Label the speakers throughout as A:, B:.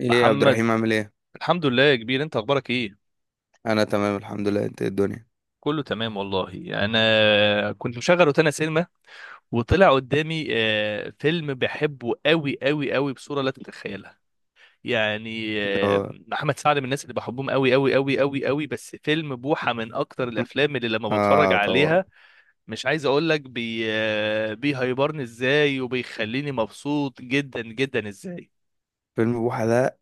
A: ايه يا عبد
B: محمد.
A: الرحيم، عامل ايه؟
B: الحمد لله يا كبير، انت اخبارك ايه؟
A: انا تمام الحمد لله. انت إيه الدنيا؟
B: كله تمام والله. انا كنت مشغل روتانا سينما، وطلع قدامي فيلم بحبه قوي قوي قوي بصوره لا تتخيلها. يعني
A: هو.
B: محمد سعد من الناس اللي بحبهم قوي قوي قوي قوي قوي، بس فيلم بوحه من اكتر الافلام اللي لما بتفرج
A: اه، طبعا.
B: عليها. مش عايز اقول لك بي آه، بيهيبرني ازاي وبيخليني مبسوط جدا جدا ازاي.
A: فيلم بوحة ده،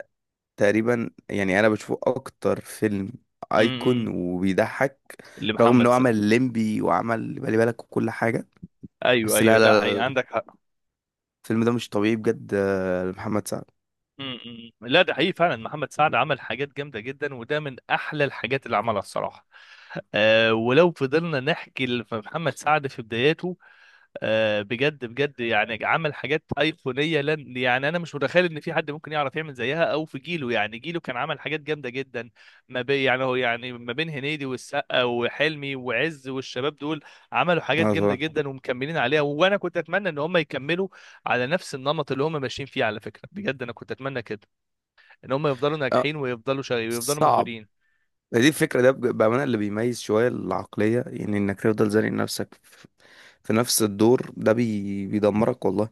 A: تقريبا يعني انا بشوفه اكتر فيلم ايكون
B: امم
A: وبيضحك. رغم
B: لمحمد
A: انه عمل
B: سعد.
A: ليمبي وعمل بالي بالك وكل حاجه.
B: ايوه
A: بس،
B: ايوه،
A: لا
B: ده
A: لا لا
B: حقيقي،
A: لا،
B: عندك حق.
A: الفيلم ده مش طبيعي بجد، لمحمد سعد.
B: امم. لا ده حقيقي فعلا، محمد سعد عمل حاجات جامده جدا، وده من احلى الحاجات اللي عملها الصراحه. ولو فضلنا نحكي في محمد سعد في بداياته بجد بجد يعني عمل حاجات ايقونيه، لن يعني انا مش متخيل ان في حد ممكن يعرف يعمل زيها او في جيله، يعني جيله كان عمل حاجات جامده جدا ما بين يعني هو يعني ما بين هنيدي والسقا وحلمي وعز والشباب دول. عملوا حاجات
A: اه،
B: جامده
A: طبعا.
B: جدا ومكملين عليها، وانا كنت اتمنى ان هم يكملوا على نفس النمط اللي هم ماشيين فيه. على فكره بجد انا كنت اتمنى كده، ان هم يفضلوا
A: اه،
B: ناجحين ويفضلوا شغالين ويفضلوا
A: صعب.
B: موجودين.
A: دي الفكره ده بامانه اللي بيميز شويه العقليه، يعني انك تفضل زانق نفسك في نفس الدور ده، بيدمرك والله.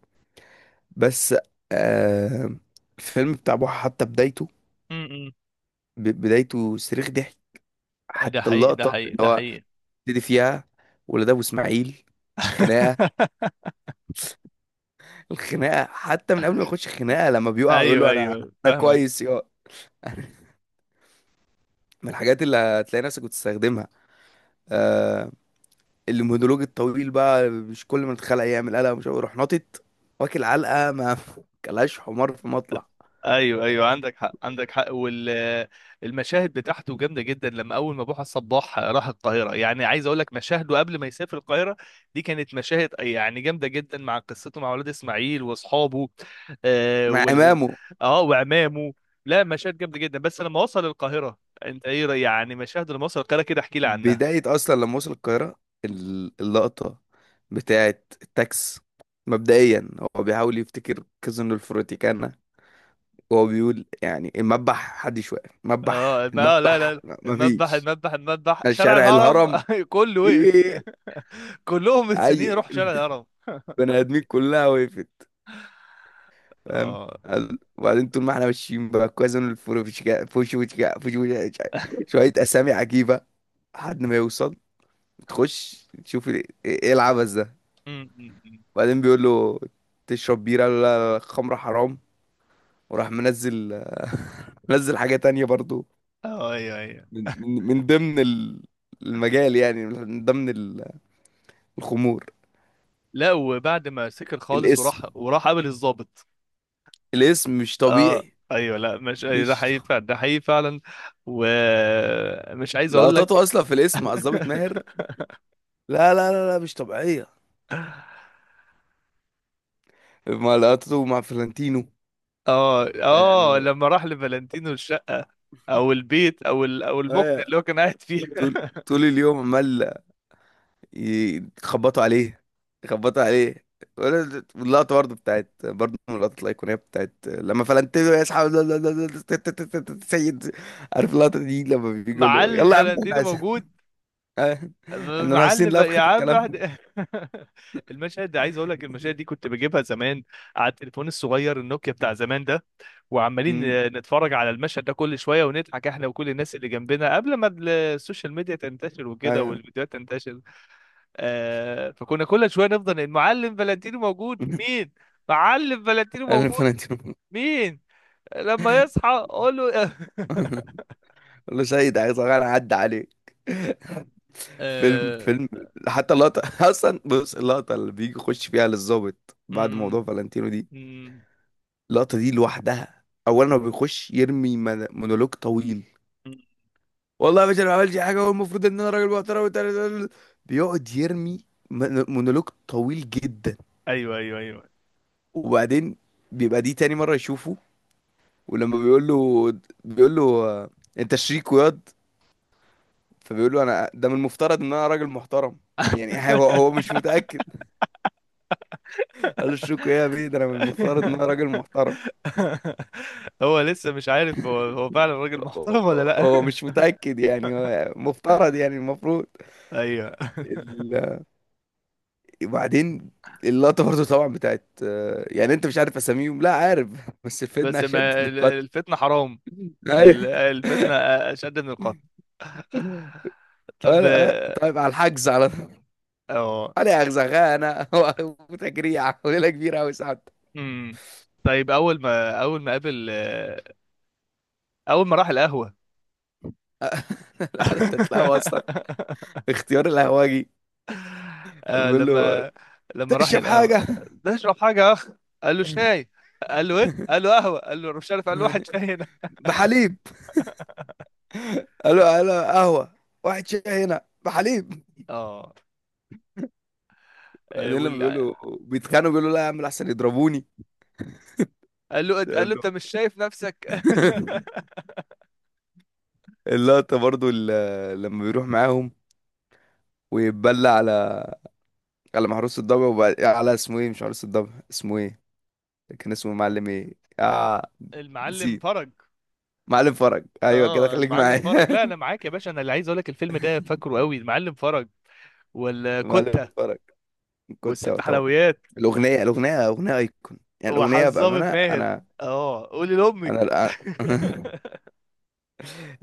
A: بس آه الفيلم بتاع بوحة، حتى بدايته،
B: م- م.
A: بدايته صريخ ضحك.
B: ده
A: حتى
B: حقيقي ده
A: اللقطة
B: حقيقي
A: اللي
B: ده
A: هو
B: حقيقي.
A: ابتدي فيها ولاد أبو إسماعيل، الخناقة. الخناقة حتى من قبل ما يخش الخناقة، لما بيقع ويقول
B: ايوه
A: له: أنا
B: ايوه
A: أنا
B: فاهمك.
A: كويس يا. من الحاجات اللي هتلاقي نفسك بتستخدمها. آه المونولوج الطويل بقى، مش كل ما تتخلق يعمل قلق مش عارف، يروح ناطط، واكل علقة ما، كلاش حمار في مطلع.
B: ايوه ايوه عندك حق عندك حق. والمشاهد بتاعته جامده جدا، لما اول ما بوحه الصباح راح القاهره، يعني عايز اقول لك مشاهده قبل ما يسافر القاهره دي كانت مشاهد يعني جامده جدا، مع قصته مع ولاد اسماعيل واصحابه آه
A: مع
B: وال
A: إمامه.
B: اه وعمامه. لا مشاهد جامده جدا، بس لما وصل القاهره انت ايه يعني مشاهد لما وصل القاهره، كده احكي لي عنها.
A: بداية أصلا لما وصل القاهرة، اللقطة بتاعة التاكس. مبدئيا هو بيحاول يفتكر كازينو الفروتيكانا، وهو بيقول يعني: المذبح حدش واقف، مذبح،
B: اه ما لا
A: المذبح
B: لا، المذبح
A: مفيش.
B: المذبح المذبح شارع
A: الشارع
B: الهرم
A: الهرم،
B: كله وقف.
A: ايه.
B: كلهم مستنيين
A: اي.
B: يروحوا شارع الهرم.
A: البني ادمين كلها وقفت. فاهم.
B: اه
A: وبعدين طول ما احنا ماشيين، بقى كازينو الفروتيكانا، فوشوتيكا، فوشوتيكا. شوية اسامي عجيبة لحد ما يوصل، تخش تشوف، إيه العبث ده؟
B: أمم.
A: وبعدين بيقول له: تشرب بيرة؟ قال له: لا لا لا، خمرة حرام. وراح منزل منزل حاجة تانية برضو،
B: اه ايوه ايوه.
A: من ضمن المجال، يعني من ضمن الخمور.
B: لا وبعد ما سكر خالص
A: الاسم،
B: وراح وراح قابل الضابط.
A: الاسم مش
B: اه
A: طبيعي.
B: ايوه، لا مش أيوة، ده
A: مش ط-
B: حقيقي فعلا، ده حقيقي فعلا. ومش عايز اقول
A: لقطاته
B: لك.
A: اصلا في الاسم مع الظابط ماهر، لا لا لا لا، مش طبيعية. مع لقطاته مع فلانتينو.
B: اه
A: آه
B: لما راح لفالنتينو الشقه او البيت او المكن
A: آه،
B: اللي هو كان قاعد فيه.
A: طول طول اليوم عمال يخبطوا عليه، يخبطوا عليه. واللقطة برضه بتاعت، برضه من اللقطات الأيقونية بتاعت لما فلنتينو يسحب سيد. عارف اللقطة دي، لما بيجي يقول له:
B: معلم
A: يلا يا عم، احنا
B: فالنتينو
A: عايزين،
B: موجود.
A: آه، ان انا هصين
B: معلم بقى يا
A: لفخة في
B: عم
A: الكلام.
B: احنا. المشهد ده عايز اقول لك المشاهد دي كنت بجيبها زمان على التليفون الصغير النوكيا بتاع زمان ده، وعمالين
A: أمم،
B: نتفرج على المشهد ده كل شويه ونضحك احنا وكل الناس اللي جنبنا، قبل ما السوشيال ميديا تنتشر وكده
A: ايوه.
B: والفيديوهات تنتشر. فكنا كل شويه نفضل المعلم فلانتينو موجود مين؟ معلم فلانتينو
A: انا
B: موجود
A: فلنتينو.
B: مين؟ لما يصحى قول له.
A: قال له: سيد، عايز اغير، عدى عليك. فيلم،
B: آه...
A: فيلم. حتى اللقطة اصلا، بص اللقطة اللي بيجي يخش فيها للظابط
B: م-
A: بعد
B: م-
A: موضوع فالنتينو دي،
B: م-
A: اللقطة دي لوحدها. اولا هو بيخش يرمي مونولوج طويل:
B: م-
A: والله يا باشا، انا ما عملتش حاجة، والمفروض ان انا راجل محترم بيقعد يرمي مونولوج طويل جدا.
B: ايوه ايوه
A: وبعدين بيبقى دي تاني مرة يشوفه، ولما بيقول له آه، انت شريك وياض، فبيقول له: انا ده من المفترض ان انا راجل محترم. يعني هو مش متأكد. قال له: شريك ايه يا بيه، ده انا من المفترض ان
B: ايوه.
A: انا راجل محترم.
B: هو لسه مش عارف هو هو فعلا راجل
A: هو
B: محترم ولا
A: هو
B: لا.
A: هو مش متأكد يعني، هو مفترض، يعني المفروض.
B: ايوه.
A: وبعدين اللقطة برضه طبعا بتاعت يعني انت مش عارف اساميهم، لا عارف، بس فدنا
B: بس
A: اشد من
B: ما
A: القتل.
B: الفتنة حرام.
A: ايوه.
B: الفتنة اشد من القتل. طب.
A: ولا طيب على الحجز على طول.
B: اه
A: علي اغزغانة وتجريع وليلة كبيرة قوي ساعات.
B: امم طيب اول ما اول ما قابل اول ما راح القهوة.
A: لا ده تتلاقوا اصلا. اختيار القهوجي،
B: آه،
A: بيقول له:
B: لما لما راح
A: تشرب
B: القهوة.
A: حاجة؟
B: ده اشرب حاجة يا اخ، قال له شاي، قال له ايه، قال له قهوة، قال له مش عارف، قال له واحد شاي هنا.
A: بحليب. قال له: قهوة. واحد شاي هنا بحليب.
B: اه
A: بعدين لما بيقول له بيتخانقوا، بيقول له: لا يا عم، احسن يضربوني.
B: قال له قال
A: قال
B: له
A: له.
B: انت مش شايف نفسك.
A: اللقطة برضو لما بيروح معاهم ويتبلى على محروس الضبع، وبعد على اسمه ايه، مش محروس الضبع، اسمه ايه؟ كان اسمه معلم ايه؟ آه
B: المعلم
A: نسيت.
B: فرج.
A: معلم فرج، ايوه كده،
B: اه
A: خليك
B: المعلم
A: معايا.
B: فرج، لا انا معاك يا باشا، انا اللي عايز اقول لك الفيلم ده فاكره قوي المعلم فرج
A: معلم
B: والكتة
A: فرج. كنت
B: والست
A: طبعا
B: حلويات
A: الاغنية، اغنية ايكون، يعني الاغنية
B: وحظامة
A: بأمانة،
B: ماهر.
A: انا
B: اه قولي
A: انا
B: لامك.
A: الآن-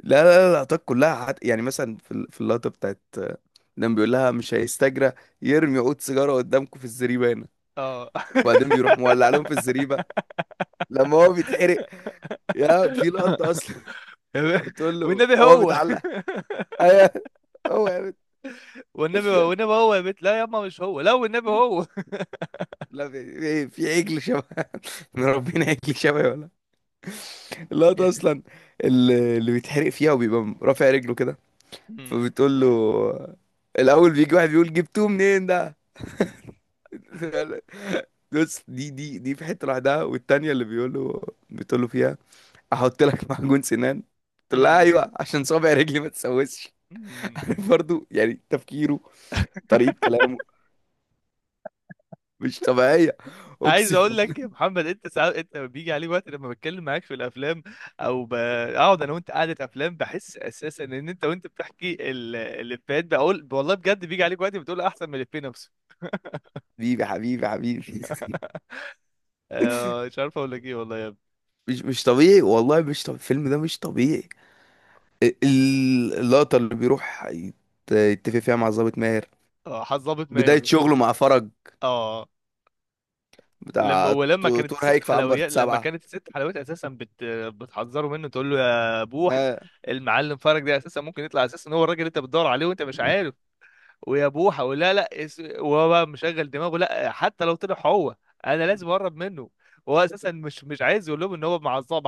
A: لا لا لا، اللقطات كلها يعني مثلا في في اللقطة بتاعت، لما بيقول لها: مش هيستجرى يرمي عود سيجارة قدامكم في الزريبة هنا.
B: اه.
A: وبعدين بيروح مولع لهم في الزريبة، لما هو بيتحرق. يا في لقطة أصلا بتقول له:
B: والنبي
A: هو
B: هو
A: متعلق؟ أيوه هو يا
B: والنبي هو والنبي هو يا بنت، لا يا اما مش هو، لا والنبي هو.
A: لا في, عجل شبه، مربينا عجل شبه، ولا؟ اللقطة أصلا اللي بيتحرق فيها وبيبقى رافع رجله كده،
B: أمم،
A: فبتقول له. الأول بيجي واحد بيقول: جبتوه منين ده؟ بص، دي، دي في حتة لوحدها، والتانية اللي بيقول له، بتقول له فيها: أحط لك معجون سنان؟ تقول لها:
B: أمم،
A: أيوه، عشان صابع رجلي ما تسوسش.
B: أمم.
A: عارف برضو يعني تفكيره، طريقة كلامه مش طبيعية،
B: عايز
A: اقسم
B: اقول
A: بالله.
B: لك يا محمد، انت ساعات انت بيجي عليه وقت لما بتكلم معاك في الافلام او بقعد انا وانت قعده افلام، بحس اساسا ان انت وانت بتحكي الافيهات بقول والله بجد بيجي عليك وقت بتقول احسن من الافيه نفسه.
A: حبيبي، حبيبي، حبيبي.
B: مش عارف اقول لك ايه والله يا ابني.
A: مش طبيعي، والله مش طبيعي، الفيلم ده مش طبيعي. اللقطة اللي بيروح يتفق فيها مع ضابط ماهر،
B: اه حظ ظابط
A: بداية
B: ماهر.
A: شغله مع فرج
B: اه لما
A: بتاع
B: ولما كانت
A: تور
B: الست
A: هيك في عنبر
B: حلويات لما
A: سبعة
B: كانت الست حلويات اساسا بتحذره منه، تقول له يا بوح،
A: آه.
B: المعلم فرج ده اساسا ممكن يطلع اساسا هو الراجل اللي انت بتدور عليه وانت مش عارف، ويا بوحه ولا لا وهو بقى مشغل دماغه، لا حتى لو طلع هو انا لازم اقرب منه، هو اساسا. مش عايز يقول لهم ان هو معصب،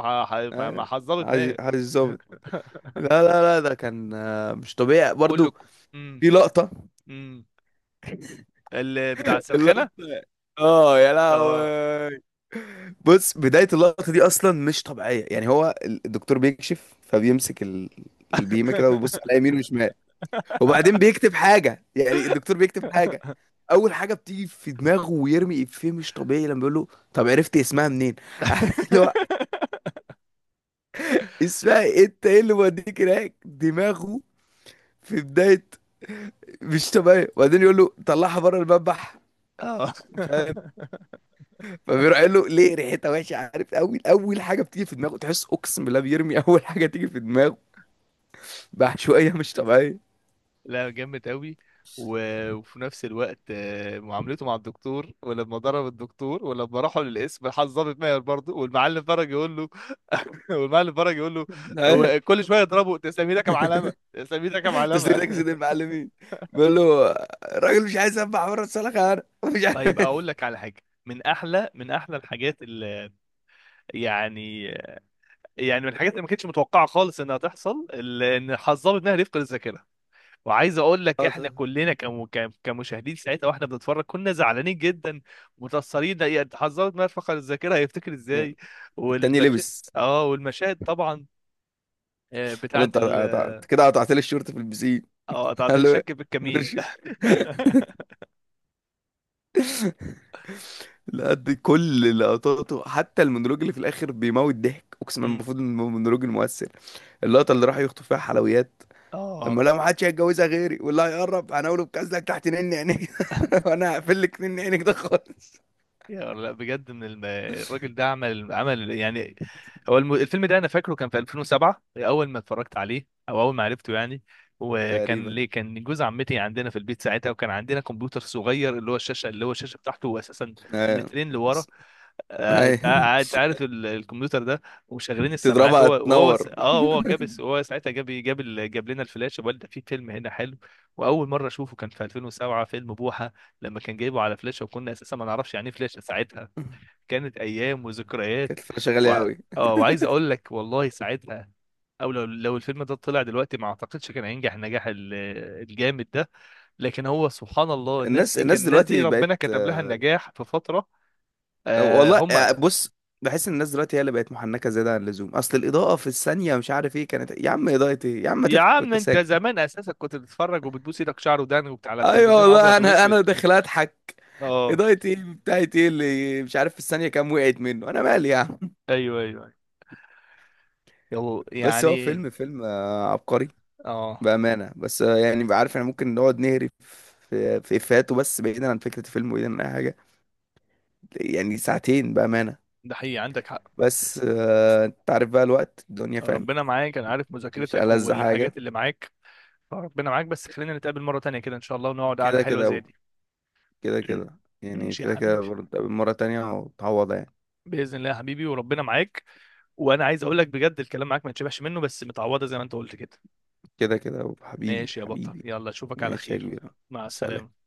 A: آه.
B: معصب
A: عايز
B: دماغ.
A: عايز الظابط. لا لا لا، ده كان مش طبيعي
B: كله.
A: برضو.
B: امم
A: في لقطة،
B: امم اللي بتاع السرخانه.
A: اللقطة، اه يا
B: اه.
A: لهوي. بص، بداية اللقطة دي أصلا مش طبيعية، يعني هو الدكتور بيكشف، فبيمسك البيمة كده، ويبص على يمين وشمال، وبعدين بيكتب حاجة، يعني الدكتور بيكتب حاجة. أول حاجة بتيجي في دماغه ويرمي إفيه مش طبيعي لما بيقول له: طب عرفت اسمها منين؟ عارف اللي هو، اسمها إيه؟ أنت إيه اللي موديك هناك؟ دماغه في بداية مش طبيعي، وبعدين يقول له: طلعها بره المذبح.
B: اه.
A: فاهم، فبيروح قال له: ليه؟ ريحتها وحشه. عارف، اول اول حاجه بتيجي في دماغه، تحس اقسم بالله بيرمي اول حاجه تيجي في دماغه بعشوائية مش طبيعية.
B: لا جامد قوي. وفي نفس الوقت، معاملته مع الدكتور ولما ضرب الدكتور ولما راحوا للقسم، راح الضابط ماهر برضه، والمعلم فرج يقول له. والمعلم فرج يقول له هو كل شويه يضربه تسلم ايدك يا معلمه تسلم ايدك يا
A: تسليم
B: معلمه.
A: لك سيد المعلمين، بيقول له: الراجل مش عايز يسبح بره الصالة، خيانة، مش
B: طيب
A: عارف.
B: اقول لك على حاجه من احلى من احلى الحاجات اللي يعني، يعني من الحاجات اللي ما كانتش متوقعه خالص انها تحصل، ان الضابط ماهر يفقد الذاكره. وعايز اقول لك
A: اه،
B: احنا
A: طب.
B: كلنا كمشاهدين ساعتها، واحنا بنتفرج كنا زعلانين جدا متأثرين، يعني حذرت ما فقد الذاكرة هيفتكر ازاي.
A: التاني
B: والمشاهد.
A: لبس.
B: طبعا،
A: قال له:
B: بتاعت
A: انت
B: ال
A: أنت كده قطعت لي الشورت في البسين.
B: اه تعطيل
A: قال له: إيه؟
B: الشك في الكمين.
A: لا دي كل لقطاته، حتى المونولوج اللي في الاخر بيموت ضحك، اقسم بالله
B: مم.
A: المفروض ان هو مونولوج المؤثر. اللقطه اللي راح يخطف فيها حلويات،
B: اه
A: لما لا ما حدش هيتجوزها غيري، واللي هيقرب هنقوله بكذلك تحت نن عينيك، وانا هقفل لك نن عينك ده خالص.
B: يا لا بجد ان الراجل ده عمل عمل، يعني هو الفيلم ده انا فاكره كان في 2007 اول ما اتفرجت عليه او اول ما عرفته، يعني وكان
A: تقريبا،
B: ليه كان جوز عمتي عندنا في البيت ساعتها، وكان عندنا كمبيوتر صغير اللي هو الشاشه اللي هو الشاشه بتاعته اساسا
A: ايوه،
B: مترين لورا، قاعد
A: ايوه.
B: عارف الكمبيوتر ده. وشغالين السماعات هو
A: تضربها
B: وهو س-
A: تنور.
B: اه هو هو ساعتها جاب لنا الفلاش، وقال ده في فيلم هنا حلو. واول مره اشوفه كان في 2007 فيلم بوحه، لما كان جايبه على فلاشه، وكنا اساسا ما نعرفش يعني ايه فلاشه ساعتها. كانت ايام وذكريات.
A: كانت الفلاشة
B: و...
A: غالية أوي.
B: اه وعايز اقول لك والله ساعتها، او لو الفيلم ده طلع دلوقتي ما اعتقدش كان هينجح النجاح الجامد ده. لكن هو سبحان الله الناس
A: الناس
B: دي كان
A: الناس
B: الناس دي
A: دلوقتي
B: ربنا
A: بقت
B: كتب لها النجاح في فترة. آه
A: والله
B: هم
A: بص، بحس ان الناس دلوقتي هي اللي بقت محنكة زيادة عن اللزوم. أصل الإضاءة في الثانية مش عارف إيه كانت. يا عم، إضاءة إيه؟ يا عم، ما
B: يا
A: تضحك
B: عم
A: وأنت
B: انت
A: ساكت؟
B: زمان اساسا كنت بتتفرج وبتبوس ايدك شعر ودان وبتاع على
A: أيوه
B: التلفزيون
A: والله،
B: ابيض
A: أنا
B: واسود.
A: أنا داخل أضحك.
B: اه
A: إضاءة إيه بتاعت إيه اللي مش عارف في الثانية كام؟ وقعت منه، أنا مالي يا عم؟
B: ايوه ايوه أيوة. يلا
A: بس هو
B: يعني.
A: فيلم، فيلم، عبقري
B: اه
A: بأمانة. بس يعني بقى عارف، احنا ممكن نقعد نهري في إفيهاته، بس بعيدا عن فكرة الفيلم وبعيدا عن أي حاجة، يعني ساعتين بأمانة.
B: ده حقيقي، عندك حق.
A: بس أنت عارف بقى الوقت، الدنيا فاهم.
B: ربنا معاك، انا عارف
A: مش
B: مذاكرتك
A: ألذ
B: والحاجات
A: حاجة.
B: اللي معاك. ربنا معاك، بس خلينا نتقابل مرة تانية كده ان شاء الله، ونقعد قعدة
A: كده
B: حلوة زي
A: كده،
B: دي.
A: كده كده يعني،
B: ماشي يا
A: كده كده
B: حبيبي،
A: برضه مرة تانية وتعوض يعني.
B: بإذن الله يا حبيبي، وربنا معاك. وانا عايز اقول لك بجد الكلام معاك ما يتشبعش منه، بس متعوضة زي ما انت قلت كده.
A: كده كده، حبيبي،
B: ماشي يا بطل،
A: حبيبي.
B: يلا اشوفك على
A: ماشي يا
B: خير.
A: كبير.
B: مع السلامة.
A: سلام.